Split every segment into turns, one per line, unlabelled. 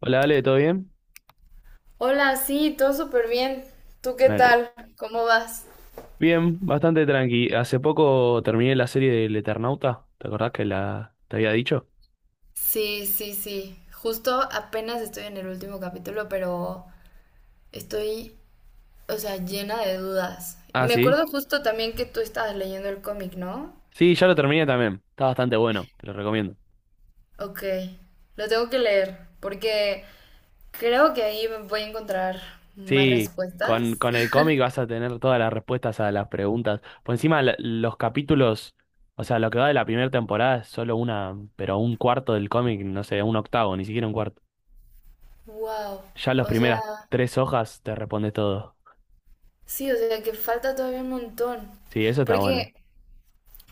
Hola Ale, ¿todo bien?
Hola, sí, todo súper bien. ¿Tú qué
Dale.
tal? ¿Cómo vas?
Bien, bastante tranqui. Hace poco terminé la serie del Eternauta. ¿Te acordás que la te había dicho?
Sí, sí, sí. Justo apenas estoy en el último capítulo, pero estoy, o sea, llena de dudas.
Ah,
Me
sí.
acuerdo justo también que tú estabas leyendo el cómic, ¿no?
Sí, ya lo terminé también. Está bastante bueno, te lo recomiendo.
Ok, lo tengo que leer porque creo que ahí voy a encontrar más
Sí, con,
respuestas.
con el cómic vas a tener todas las respuestas a las preguntas. Por encima, los capítulos, o sea, lo que va de la primera temporada es solo una, pero un cuarto del cómic, no sé, un octavo, ni siquiera un cuarto.
Wow,
Ya las
o
primeras
sea,
tres hojas te respondes todo.
sí, o sea que falta todavía un montón.
Sí, eso está bueno.
Porque,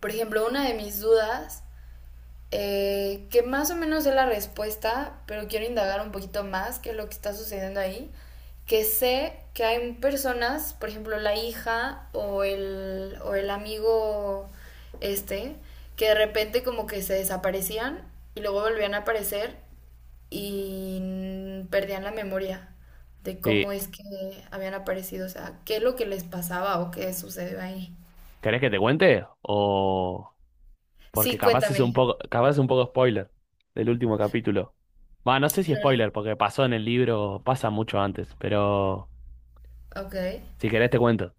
por ejemplo, una de mis dudas que más o menos es la respuesta, pero quiero indagar un poquito más qué es lo que está sucediendo ahí, que sé que hay personas, por ejemplo, la hija o o el amigo este, que de repente como que se desaparecían y luego volvían a aparecer y perdían la memoria de cómo
Sí.
es que habían aparecido, o sea, qué es lo que les pasaba o qué sucedió ahí.
¿Querés que te cuente? O. Porque
Sí,
capaz es un
cuéntame.
poco, capaz es un poco spoiler del último capítulo. Va, no sé si
No.
spoiler, porque pasó en el libro, pasa mucho antes, pero
Ok.
si querés te cuento.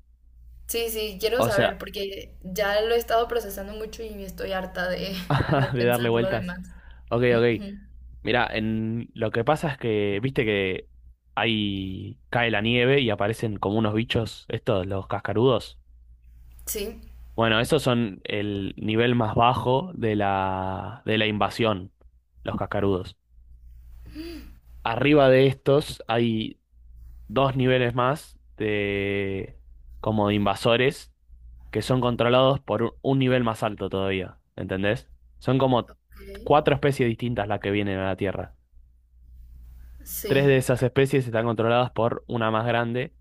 Sí, sí, quiero
O sea,
saber porque ya lo he estado procesando mucho y estoy harta de, de
de darle
pensar lo
vueltas.
demás.
Ok, ok.
Ujú.
Mira, en lo que pasa es que, viste que ahí cae la nieve y aparecen como unos bichos, estos, los cascarudos.
Sí.
Bueno, esos son el nivel más bajo de la invasión, los cascarudos. Arriba de estos hay dos niveles más de como de invasores que son controlados por un nivel más alto todavía, ¿entendés? Son como
Ok.
cuatro especies distintas las que vienen a la Tierra. Tres
Sí.
de esas especies están controladas por una más grande,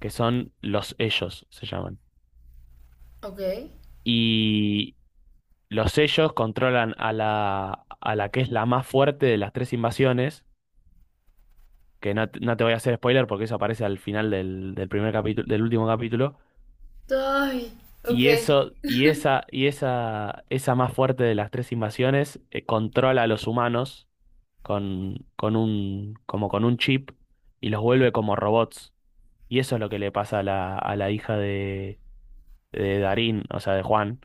que son los ellos, se llaman.
Ok.
Y los ellos controlan a la que es la más fuerte de las tres invasiones, que no, te no te voy a hacer spoiler porque eso aparece al final del primer capítulo, del último capítulo.
Ay, ok.
Y eso, y esa, esa más fuerte de las tres invasiones, controla a los humanos con un, como con un chip y los vuelve como robots. Y eso es lo que le pasa a la hija de Darín, o sea, de Juan.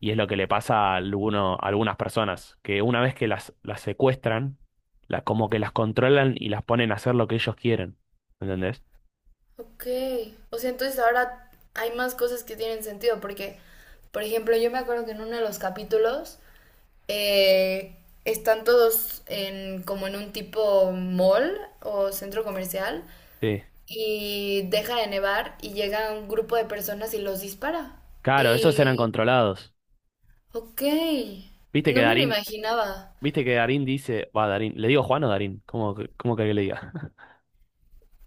Y es lo que le pasa a, alguno, a algunas personas, que una vez que las secuestran, la, como que las controlan y las ponen a hacer lo que ellos quieren. ¿Entendés?
Ok. O sea, entonces ahora hay más cosas que tienen sentido porque, por ejemplo, yo me acuerdo que en uno de los capítulos eh, están todos en como en un tipo mall o centro comercial
Sí.
y deja de nevar y llega un grupo de personas y los dispara.
Claro, esos eran
Y,
controlados.
ok,
Viste que
no me lo
Darín,
imaginaba.
Viste que Darín dice, va, Darín, ¿le digo Juan o Darín? ¿Cómo, cómo querés que le diga?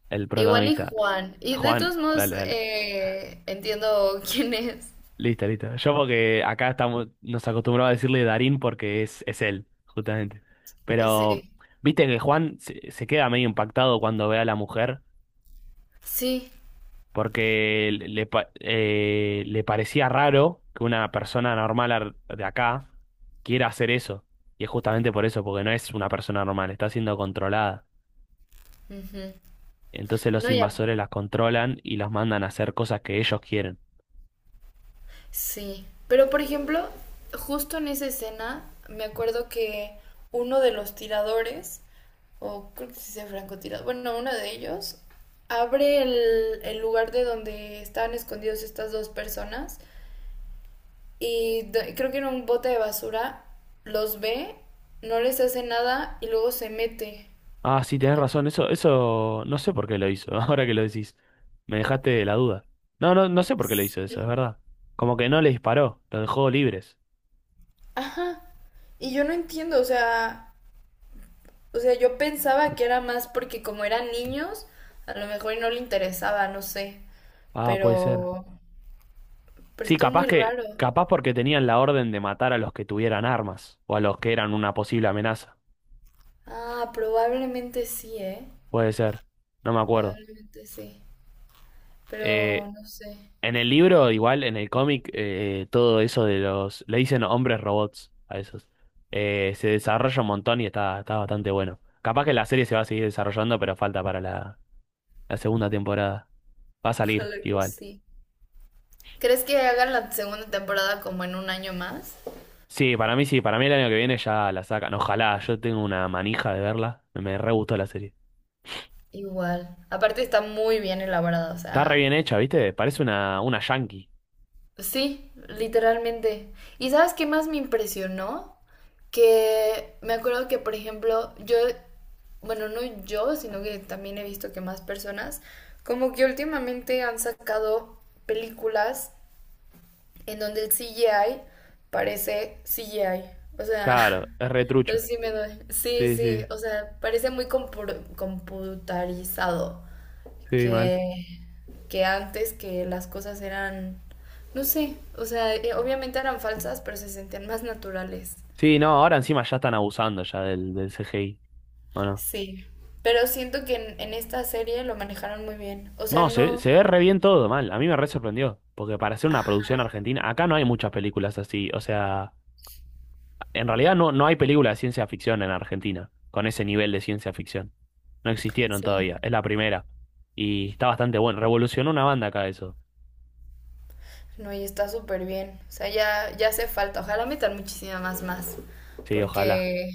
El
Igual y
protagonista.
Juan. Y de
Juan,
todos modos,
dale, dale.
entiendo quién es.
Listo, listo. Yo porque acá estamos, nos acostumbramos a decirle Darín porque es él, justamente. Pero,
Sí,
viste que Juan se, se queda medio impactado cuando ve a la mujer
sí.
porque le, le parecía raro que una persona normal de acá quiera hacer eso. Y es justamente por eso, porque no es una persona normal, está siendo controlada.
Ujú.
Entonces los
No, ya.
invasores las controlan y los mandan a hacer cosas que ellos quieren.
Sí, pero por ejemplo, justo en esa escena me acuerdo que uno de los tiradores, o creo que sí sea francotirador, bueno, uno de ellos abre el lugar de donde estaban escondidos estas dos personas y creo que en un bote de basura los ve, no les hace nada y luego se mete.
Ah, sí, tenés razón, eso no sé por qué lo hizo, ahora que lo decís. Me dejaste la duda. No, no, no sé por qué lo hizo eso, es
Sí.
verdad. Como que no le disparó, lo dejó libres.
Ajá. Y yo no entiendo, o sea, yo pensaba que era más porque como eran niños, a lo mejor y no le interesaba, no sé.
Ah, puede ser.
Pero,
Sí,
estuvo
capaz
muy
que,
raro.
capaz porque tenían la orden de matar a los que tuvieran armas, o a los que eran una posible amenaza.
Ah, probablemente sí, ¿eh?
Puede ser, no me acuerdo.
Probablemente sí.
Eh,
Pero no sé.
En el libro, igual, en el cómic, todo eso de los... Le dicen hombres robots a esos. Se desarrolla un montón y está, está bastante bueno. Capaz que la serie se va a seguir desarrollando, pero falta para la, la segunda temporada. Va a salir
Ojalá que
igual.
sí. ¿Crees que hagan la segunda temporada como en un año más?
Sí, para mí el año que viene ya la sacan. Ojalá, yo tengo una manija de verla. Me re gustó la serie.
Igual. Aparte está muy bien elaborada, o
Está re bien
sea,
hecha, ¿viste? Parece una yankee.
sí, literalmente. ¿Y sabes qué más me impresionó? Que me acuerdo que, por ejemplo, yo, bueno, no yo, sino que también he visto que más personas, como que últimamente han sacado películas en donde el CGI parece CGI. O sea,
Claro, es re
no sé
trucho.
si me doy. Sí,
Sí,
sí,
sí,
o sea, parece muy computarizado.
sí, mal.
Que que antes que las cosas eran, no sé, o sea, obviamente eran falsas, pero se sentían más naturales.
Sí, no, ahora encima ya están abusando ya del CGI.
Sí, pero siento que en, esta serie lo manejaron muy bien. O sea,
No, se,
no,
se ve re bien todo, mal. A mí me re sorprendió. Porque para hacer una producción argentina, acá no hay muchas películas así. O sea, en realidad no, no hay películas de ciencia ficción en Argentina con ese nivel de ciencia ficción. No existieron
sí.
todavía. Es la primera. Y está bastante bueno. Revolucionó una banda acá eso.
No, y está súper bien. O sea, ya, ya hace falta. Ojalá metan muchísimas más.
Sí, ojalá.
Porque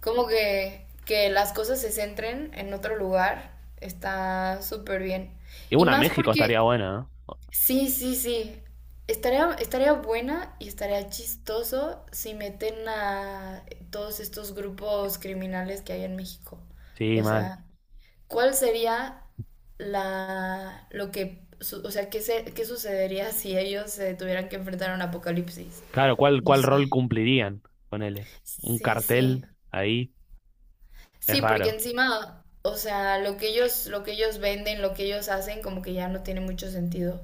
como que las cosas se centren en otro lugar está súper bien.
Y
Y
una
más
México
porque
estaría buena, ¿no?
sí, sí, sí. Estaría buena y estaría chistoso si meten a todos estos grupos criminales que hay en México.
Sí,
O
mal.
sea, ¿cuál sería la, lo que, o sea, qué sucedería si ellos se tuvieran que enfrentar a un apocalipsis?
Claro, ¿cuál,
No
cuál
sé.
rol cumplirían? Ponele. Un
Sí,
cartel
sí.
ahí. Es
Sí, porque
raro.
encima, o sea, lo que ellos venden, lo que ellos hacen, como que ya no tiene mucho sentido.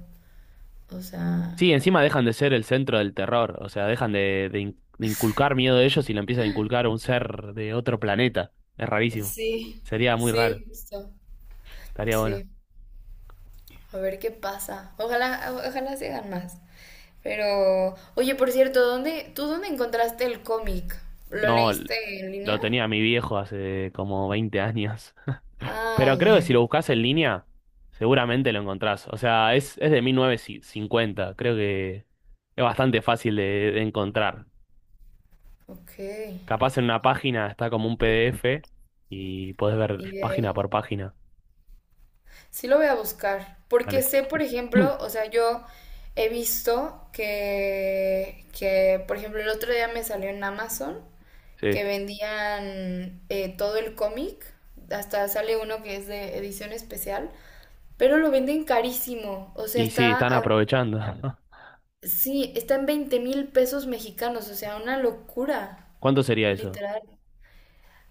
O sea.
Sí, encima dejan de ser el centro del terror, o sea, dejan de, de inculcar miedo de ellos y lo empiezan a inculcar a un ser de otro planeta. Es rarísimo.
Sí,
Sería muy raro,
sí, justo.
estaría bueno.
Sí. A ver qué pasa. Ojalá, ojalá se hagan más. Pero, oye, por cierto, ¿tú dónde encontraste el cómic? ¿Lo
No,
leíste en
lo
línea?
tenía mi viejo hace como 20 años.
Ah,
Pero creo
ya.
que si lo buscas en línea, seguramente lo encontrás. O sea, es de 1950, creo que es bastante fácil de encontrar.
Ok.
Capaz en una página está como un PDF y podés
Y
ver
de
página
ahí.
por página.
Sí lo voy a buscar. Porque
Vale.
sé, por ejemplo, o sea, yo he visto que, por ejemplo, el otro día me salió en Amazon
Sí.
que vendían todo el cómic. Hasta sale uno que es de edición especial. Pero lo venden carísimo. O sea,
Y sí,
está,
están aprovechando.
sí, está en 20,000 pesos mexicanos. O sea, una locura,
¿Cuánto sería eso?
literal.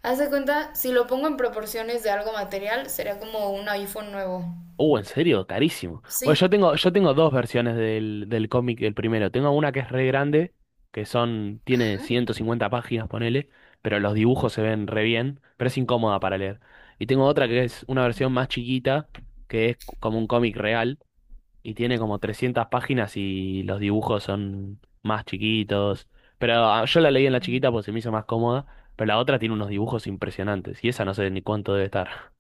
Haz de cuenta, si lo pongo en proporciones de algo material, sería como un iPhone nuevo.
¿En serio? Carísimo. Bueno,
Sí.
yo tengo dos versiones del cómic del primero. Tengo una que es re grande, que son, tiene 150 páginas, ponele, pero los dibujos se ven re bien, pero es incómoda para leer. Y tengo otra que es una versión más chiquita, que es como un cómic real. Y tiene como 300 páginas y los dibujos son más chiquitos. Pero ah, yo la leí en la chiquita porque se me hizo más cómoda, pero la otra tiene unos dibujos impresionantes y esa no sé ni cuánto debe estar.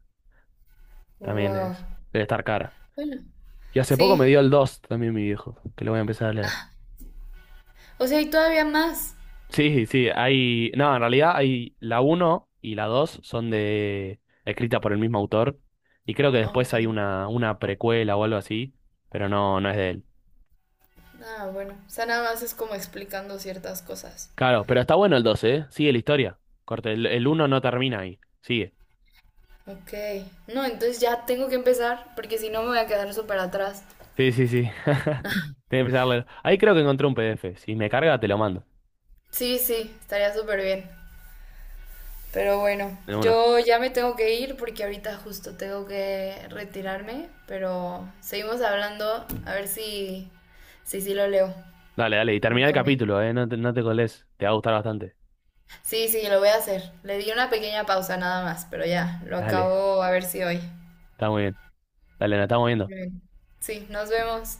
También
Wow.
es, debe estar cara.
Bueno,
Y hace poco me
sí.
dio el 2 también mi viejo, que lo voy a empezar a leer.
Ah, o sea, y todavía más.
Sí, sí, hay, no, en realidad hay la uno y la 2 son de escrita por el mismo autor y creo que después
Ok.
hay una precuela o algo así, pero no es de él.
Ah, bueno. O sea, nada más es como explicando ciertas cosas.
Claro, pero está bueno el 2, ¿eh? Sigue la historia. Corte, el 1 no termina ahí. Sigue.
Ok. No, entonces ya tengo que empezar, porque si no me voy a quedar súper atrás.
Sí, sí, sí. Tengo que empezar a leer. Ahí creo que encontré un PDF. Si me carga, te lo mando.
Sí, sí, estaría súper bien. Pero bueno,
De una.
yo ya me tengo que ir porque ahorita justo tengo que retirarme, pero seguimos hablando a ver si, si sí lo leo.
Dale, dale. Y
El
termina el
cómic.
capítulo, ¿eh? No te colés. Te va a gustar bastante.
Sí, sí, lo voy a hacer. Le di una pequeña pausa nada más, pero ya, lo
Dale.
acabo a ver si hoy.
Está muy bien. Dale, nos estamos
Muy
viendo.
bien. Sí, nos vemos.